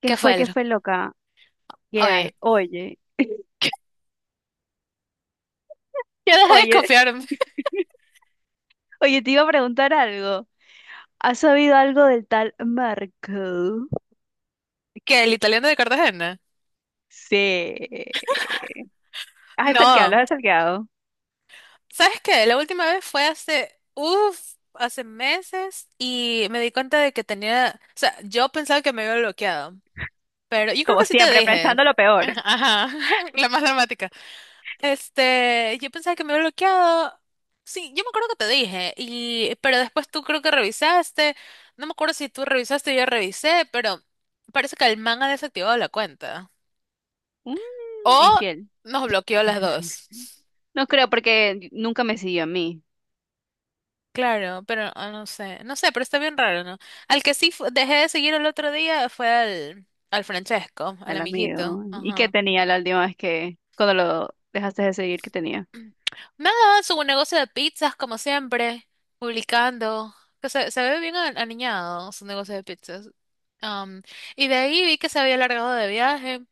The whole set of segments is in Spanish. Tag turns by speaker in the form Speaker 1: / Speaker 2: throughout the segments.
Speaker 1: ¿Qué
Speaker 2: Qué
Speaker 1: falta?
Speaker 2: fue loca? ¿Qué hay?
Speaker 1: Oye,
Speaker 2: Oye,
Speaker 1: yo dejé de
Speaker 2: oye,
Speaker 1: confiar
Speaker 2: oye, te iba a preguntar algo. ¿Has sabido algo del tal Marco?
Speaker 1: que el italiano de Cartagena.
Speaker 2: Sí. Ah, es el que hablo,
Speaker 1: No,
Speaker 2: es el que hago.
Speaker 1: ¿sabes qué? La última vez fue hace meses y me di cuenta de que tenía, o sea, yo pensaba que me había bloqueado, pero yo creo
Speaker 2: Como
Speaker 1: que sí te
Speaker 2: siempre,
Speaker 1: dije.
Speaker 2: pensando lo peor.
Speaker 1: Ajá, la más dramática. Yo pensaba que me había bloqueado. Sí, yo me acuerdo que te dije, pero después tú creo que revisaste, no me acuerdo si tú revisaste o yo revisé, pero parece que el man ha desactivado la cuenta.
Speaker 2: Mm,
Speaker 1: O
Speaker 2: infiel.
Speaker 1: nos bloqueó las dos.
Speaker 2: No creo porque nunca me siguió a mí,
Speaker 1: Claro, pero no sé, no sé, pero está bien raro, ¿no? Al que sí dejé de seguir el otro día fue al Francesco, al
Speaker 2: al
Speaker 1: amiguito.
Speaker 2: amigo. ¿Y qué
Speaker 1: Ajá.
Speaker 2: tenía la última vez que, cuando lo dejaste de seguir, qué tenía?
Speaker 1: Nada, su negocio de pizzas, como siempre, publicando. Que se ve bien aniñado su negocio de pizzas. Am, y de ahí vi que se había largado de viaje.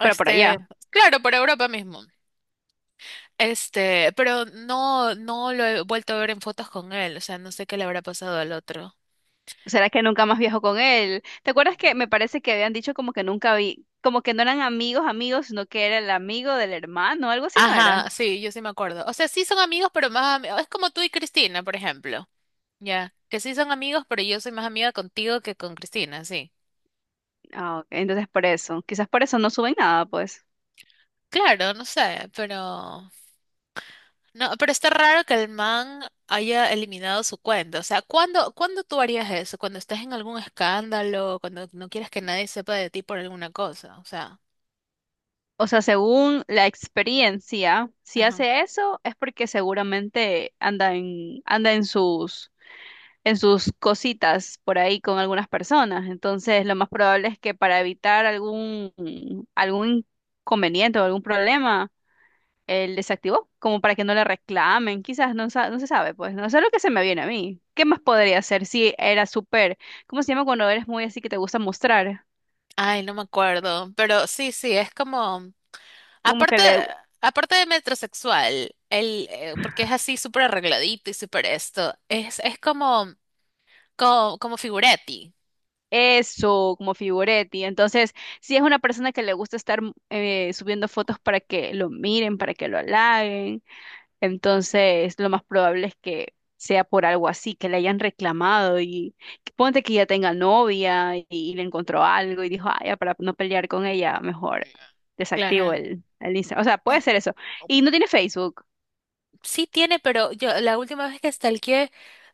Speaker 2: Pero por
Speaker 1: Este,
Speaker 2: allá.
Speaker 1: claro, por Europa mismo. Pero no lo he vuelto a ver en fotos con él, o sea, no sé qué le habrá pasado al otro.
Speaker 2: ¿Será que nunca más viajo con él? ¿Te acuerdas que me parece que habían dicho como que nunca vi, como que no eran amigos, amigos, sino que era el amigo del hermano, algo así no era?
Speaker 1: Ajá, sí, yo sí me acuerdo. O sea, sí son amigos, pero más amigos. Es como tú y Cristina, por ejemplo. Ya, que sí son amigos, pero yo soy más amiga contigo que con Cristina, sí.
Speaker 2: Ah, ok, entonces por eso, quizás por eso no suben nada, pues.
Speaker 1: Claro, no sé, pero no, pero está raro que el man haya eliminado su cuenta. O sea, ¿cuándo tú harías eso? Cuando estás en algún escándalo, cuando no quieres que nadie sepa de ti por alguna cosa, o sea,
Speaker 2: O sea, según la experiencia, si
Speaker 1: ajá.
Speaker 2: hace eso es porque seguramente anda anda en sus cositas por ahí con algunas personas. Entonces, lo más probable es que para evitar algún, algún inconveniente o algún problema él desactivó, como para que no le reclamen, quizás no, no se sabe, pues, no, eso es lo que se me viene a mí. ¿Qué más podría hacer si era súper, cómo se llama cuando eres muy así que te gusta mostrar?
Speaker 1: Ay, no me acuerdo, pero sí, sí, es como,
Speaker 2: Como que
Speaker 1: aparte,
Speaker 2: le,
Speaker 1: aparte de metrosexual, el, porque es así súper arregladito y súper esto, es como, figurati.
Speaker 2: eso, como figuretti. Entonces, si es una persona que le gusta estar subiendo fotos para que lo miren, para que lo halaguen. Entonces, lo más probable es que sea por algo así, que le hayan reclamado y que ponte que ya tenga novia y, le encontró algo y dijo, ah, ya, para no pelear con ella, mejor desactivo
Speaker 1: Claro.
Speaker 2: el Instagram. O sea, puede ser eso. Y no tiene Facebook.
Speaker 1: Sí tiene, pero yo la última vez que stalkeé,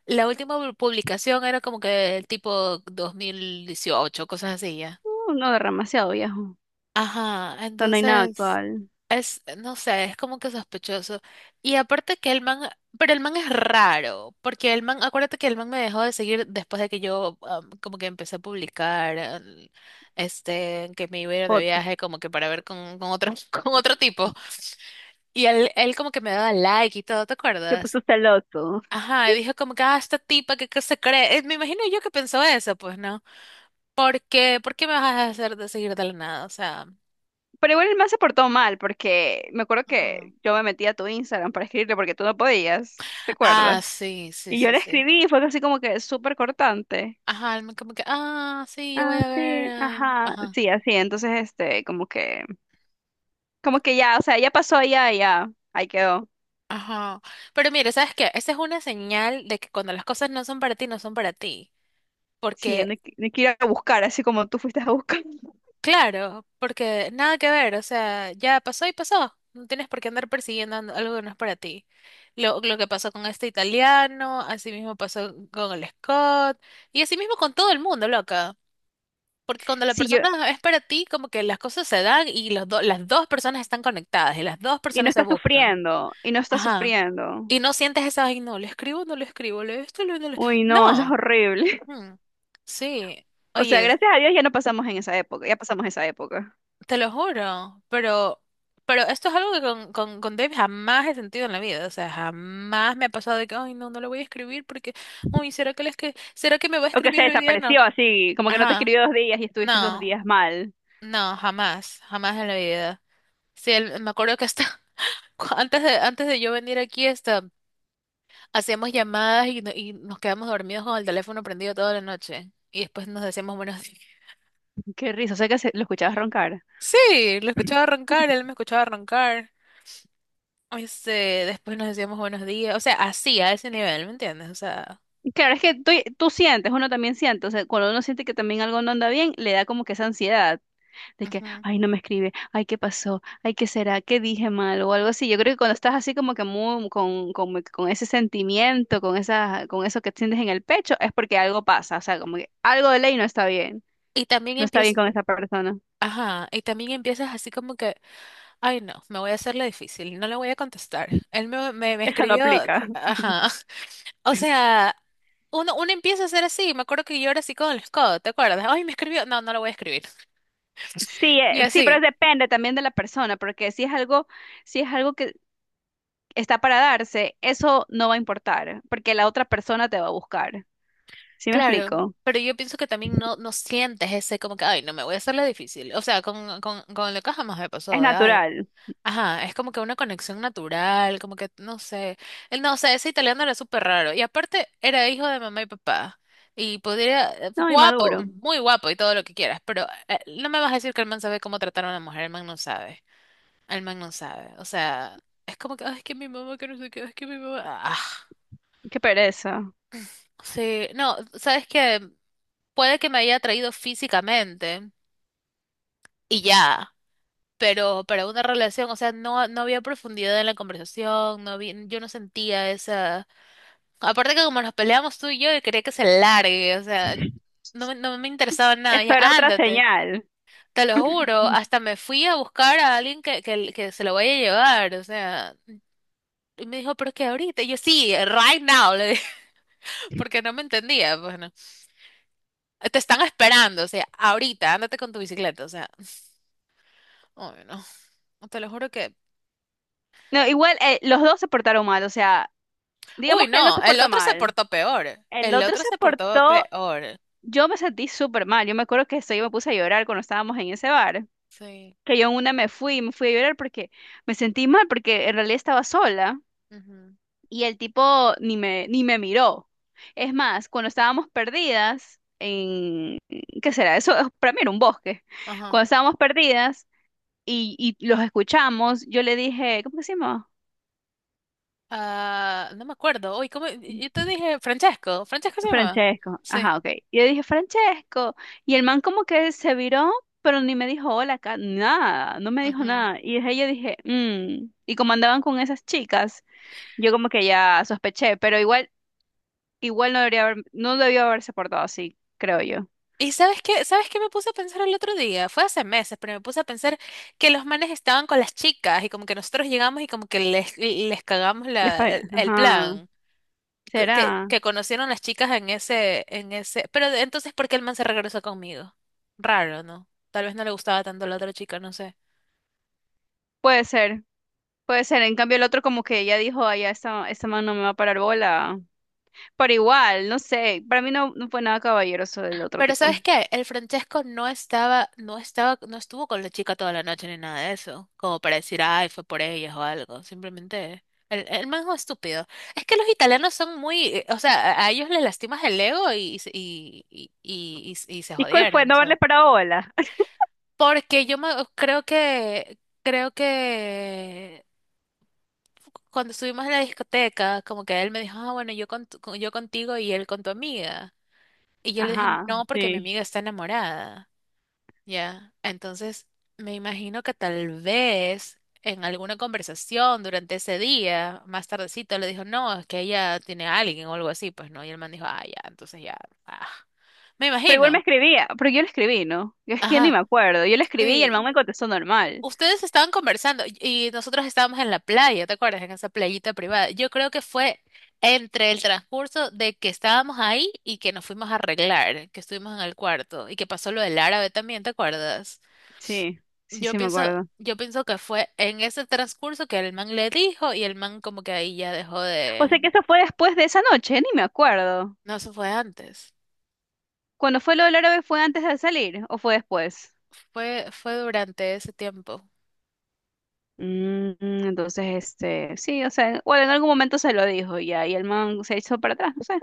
Speaker 1: la última publicación era como que tipo 2018, cosas así ya.
Speaker 2: No, demasiado viejo. O
Speaker 1: Ajá,
Speaker 2: sea, no hay nada
Speaker 1: entonces
Speaker 2: actual.
Speaker 1: es, no sé, es como que sospechoso. Y aparte que el man, pero el man es raro, porque el man, acuérdate que el man me dejó de seguir después de que yo como que empecé a publicar, que me iba a ir de
Speaker 2: Fotos.
Speaker 1: viaje como que para ver con otro, con otro tipo. Y él como que me daba like y todo, ¿te
Speaker 2: Se
Speaker 1: acuerdas?
Speaker 2: puso celoso.
Speaker 1: Ajá, y dijo como que, esta tipa que se cree. Me imagino yo que pensó eso, pues, ¿no? Porque, ¿por qué me vas a hacer de seguir de la nada? O sea,
Speaker 2: Pero igual el man se portó mal porque me acuerdo
Speaker 1: ajá.
Speaker 2: que yo me metí a tu Instagram para escribirle porque tú no podías, ¿te
Speaker 1: Ah,
Speaker 2: acuerdas?
Speaker 1: sí, sí,
Speaker 2: Y yo
Speaker 1: sí,
Speaker 2: le
Speaker 1: sí.
Speaker 2: escribí y fue así como que súper cortante.
Speaker 1: Ajá, como que, sí, yo voy
Speaker 2: Ah,
Speaker 1: a
Speaker 2: sí,
Speaker 1: ver.
Speaker 2: ajá,
Speaker 1: Ajá,
Speaker 2: sí, así, entonces, este, como que ya, o sea, ya pasó, ya, ahí quedó.
Speaker 1: ajá. Pero mire, ¿sabes qué? Esa es una señal de que cuando las cosas no son para ti, no son para ti.
Speaker 2: Sí,
Speaker 1: Porque,
Speaker 2: no hay que ir a buscar, así como tú fuiste a buscar.
Speaker 1: claro, porque nada que ver, o sea, ya pasó y pasó. No tienes por qué andar persiguiendo algo que no es para ti. Lo que pasó con este italiano, así mismo pasó con el Scott, y así mismo con todo el mundo, loca. Porque cuando la
Speaker 2: Sí, yo,
Speaker 1: persona es para ti, como que las cosas se dan y las dos personas están conectadas y las dos
Speaker 2: y no
Speaker 1: personas se
Speaker 2: está
Speaker 1: buscan.
Speaker 2: sufriendo, y no está
Speaker 1: Ajá.
Speaker 2: sufriendo.
Speaker 1: Y no sientes esa, ay, no, le escribo, no le escribo, le esto, le, no le-".
Speaker 2: Uy, no, eso es
Speaker 1: No.
Speaker 2: horrible.
Speaker 1: Mm. Sí.
Speaker 2: O sea,
Speaker 1: Oye,
Speaker 2: gracias a Dios ya no pasamos en esa época, ya pasamos esa época.
Speaker 1: te lo juro, pero esto es algo que con Dave jamás he sentido en la vida. O sea, jamás me ha pasado de que, ay, no, no le voy a escribir porque, uy, ¿será que me va a
Speaker 2: O que se
Speaker 1: escribir hoy día? No.
Speaker 2: desapareció así, como que no te
Speaker 1: Ajá.
Speaker 2: escribió 2 días y estuviste dos
Speaker 1: No.
Speaker 2: días mal.
Speaker 1: No, jamás. Jamás en la vida. Sí, me acuerdo que hasta antes de yo venir aquí, hacíamos llamadas y, no- y nos quedamos dormidos con el teléfono prendido toda la noche. Y después nos decíamos buenos días.
Speaker 2: Qué risa, o sea que lo escuchabas roncar.
Speaker 1: Sí, lo escuchaba arrancar, él me escuchaba arrancar. Este, Después nos decíamos buenos días. O sea, así, a ese nivel, ¿me entiendes? O sea.
Speaker 2: Claro, es que tú sientes, uno también siente, o sea, cuando uno siente que también algo no anda bien, le da como que esa ansiedad de que,
Speaker 1: Ujú.
Speaker 2: ay, no me escribe, ay, ¿qué pasó? Ay, ¿qué será? ¿Qué dije mal? O algo así. Yo creo que cuando estás así como que muy, con ese sentimiento, con esa, con eso que sientes en el pecho, es porque algo pasa, o sea, como que algo de ley no está bien,
Speaker 1: Y también
Speaker 2: no está bien
Speaker 1: empiezas,
Speaker 2: con esa persona.
Speaker 1: ajá, y también empiezas así como que, ay no, me voy a hacerle difícil, no le voy a contestar. Él me
Speaker 2: Eso no
Speaker 1: escribió,
Speaker 2: aplica.
Speaker 1: ajá. O sea, uno empieza a ser así. Me acuerdo que yo era así con el Scott, ¿te acuerdas? Ay, me escribió. No, no lo voy a escribir.
Speaker 2: Sí,
Speaker 1: Y
Speaker 2: sí, pero
Speaker 1: así,
Speaker 2: depende también de la persona, porque si es algo, si es algo que está para darse, eso no va a importar, porque la otra persona te va a buscar. ¿Sí me
Speaker 1: claro.
Speaker 2: explico?
Speaker 1: Pero yo pienso que también no sientes ese como que, ay, no me voy a hacerle difícil. O sea, con lo que jamás me pasó
Speaker 2: Es
Speaker 1: de, ay.
Speaker 2: natural.
Speaker 1: Ajá, es como que una conexión natural, como que, no sé. Él No, o sea, ese italiano era súper raro. Y aparte, era hijo de mamá y papá. Y podría,
Speaker 2: No,
Speaker 1: guapo,
Speaker 2: inmaduro.
Speaker 1: muy guapo y todo lo que quieras. Pero no me vas a decir que el man sabe cómo tratar a una mujer, el man no sabe. El man no sabe. O sea, es como que, "Ay, es que mi mamá, que no sé qué, es que mi mamá. Ah."
Speaker 2: Qué pereza.
Speaker 1: Sí, no, sabes que puede que me haya atraído físicamente y ya, pero para una relación, o sea, no había profundidad en la conversación, no había, yo no sentía esa. Aparte que como nos peleamos tú y yo quería que se largue, o sea, no, no me interesaba nada,
Speaker 2: Eso
Speaker 1: ya,
Speaker 2: era otra
Speaker 1: ándate.
Speaker 2: señal.
Speaker 1: Te lo juro, hasta me fui a buscar a alguien que se lo vaya a llevar, o sea, y me dijo, pero es que ahorita, y yo sí, right now. Porque no me entendía, bueno. Te están esperando, o sea, ahorita, ándate con tu bicicleta, o sea, uy, no, te lo juro que...
Speaker 2: No, igual los dos se portaron mal, o sea,
Speaker 1: Uy,
Speaker 2: digamos que él no
Speaker 1: no,
Speaker 2: se
Speaker 1: el
Speaker 2: porta
Speaker 1: otro se
Speaker 2: mal.
Speaker 1: portó peor,
Speaker 2: El
Speaker 1: el
Speaker 2: otro
Speaker 1: otro
Speaker 2: se
Speaker 1: se portó
Speaker 2: portó,
Speaker 1: peor.
Speaker 2: yo me sentí súper mal. Yo me acuerdo que esto, yo me puse a llorar cuando estábamos en ese bar,
Speaker 1: Sí,
Speaker 2: que yo en una me fui a llorar porque me sentí mal, porque en realidad estaba sola
Speaker 1: ujú,
Speaker 2: y el tipo ni me miró. Es más, cuando estábamos perdidas en, ¿qué será? Para mí era un bosque.
Speaker 1: ajá.
Speaker 2: Cuando estábamos perdidas y, los escuchamos, yo le dije, ¿cómo que se llama?
Speaker 1: Ah, no me acuerdo, uy, ¿cómo? Yo te dije, Francesco, Francesco se llamaba.
Speaker 2: Francesco,
Speaker 1: Sí.
Speaker 2: ajá, ok. Y yo dije, Francesco. Y el man como que se viró, pero ni me dijo hola, nada, no me dijo
Speaker 1: Ujú.
Speaker 2: nada. Y desde ahí yo dije, "Mm". Y como andaban con esas chicas, yo como que ya sospeché, pero igual, no debió haberse portado así, creo yo.
Speaker 1: ¿Y sabes qué? ¿Sabes qué me puse a pensar el otro día? Fue hace meses, pero me puse a pensar que los manes estaban con las chicas y como que nosotros llegamos y como que les cagamos la, el
Speaker 2: Ajá,
Speaker 1: plan. que, que-
Speaker 2: será,
Speaker 1: que conocieron las chicas en ese. Pero entonces, ¿por qué el man se regresó conmigo? Raro, ¿no? Tal vez no le gustaba tanto la otra chica, no sé.
Speaker 2: puede ser, puede ser. En cambio el otro como que ya dijo, ay, ya esta man no me va a parar bola. Pero igual, no sé, para mí no, no fue nada caballeroso del otro
Speaker 1: Pero
Speaker 2: tipo.
Speaker 1: ¿sabes qué? El Francesco no estaba, no estaba, no estuvo con la chica toda la noche ni nada de eso. Como para decir, ay, fue por ellas o algo. Simplemente. El man es un estúpido. Es que los italianos son muy, o sea, a ellos les lastimas el ego y se
Speaker 2: ¿Y cuál fue?
Speaker 1: jodieron, o
Speaker 2: ¿No
Speaker 1: sea.
Speaker 2: haberle parado bola?
Speaker 1: Porque creo que cuando estuvimos en la discoteca, como que él me dijo, ah, bueno, yo contigo y él con tu amiga. Y yo le dije,
Speaker 2: Ajá,
Speaker 1: no, porque mi
Speaker 2: sí.
Speaker 1: amiga está enamorada. Ya, entonces me imagino que tal vez en alguna conversación durante ese día, más tardecito, le dijo, no, es que ella tiene a alguien o algo así, pues no. Y el man dijo, ah, ya, entonces ya, ah. Me
Speaker 2: Pero igual me
Speaker 1: imagino.
Speaker 2: escribía, pero yo le escribí, ¿no? Yo es que ni
Speaker 1: Ajá,
Speaker 2: me acuerdo. Yo le escribí y el
Speaker 1: sí.
Speaker 2: man me contestó normal.
Speaker 1: Ustedes estaban conversando y nosotros estábamos en la playa, ¿te acuerdas? En esa playita privada. Yo creo que fue entre el transcurso de que estábamos ahí y que nos fuimos a arreglar, que estuvimos en el cuarto y que pasó lo del árabe también, ¿te acuerdas?
Speaker 2: Sí, sí,
Speaker 1: Yo
Speaker 2: sí me
Speaker 1: pienso,
Speaker 2: acuerdo.
Speaker 1: yo pienso que fue en ese transcurso que el man le dijo y el man como que ahí ya dejó
Speaker 2: O sea
Speaker 1: de...
Speaker 2: que eso fue después de esa noche, ni me acuerdo.
Speaker 1: No, eso fue antes.
Speaker 2: Cuando fue lo del árabe, ¿fue antes de salir o fue después?
Speaker 1: Fue durante ese tiempo.
Speaker 2: Mm, entonces, este, sí, o sea, bueno, en algún momento se lo dijo ya, y el man se echó para atrás, no sé.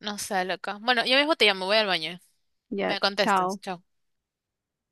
Speaker 1: No sé, loca. Bueno, yo mismo te llamo, voy al baño.
Speaker 2: Ya,
Speaker 1: Me contestas.
Speaker 2: chao.
Speaker 1: Chao.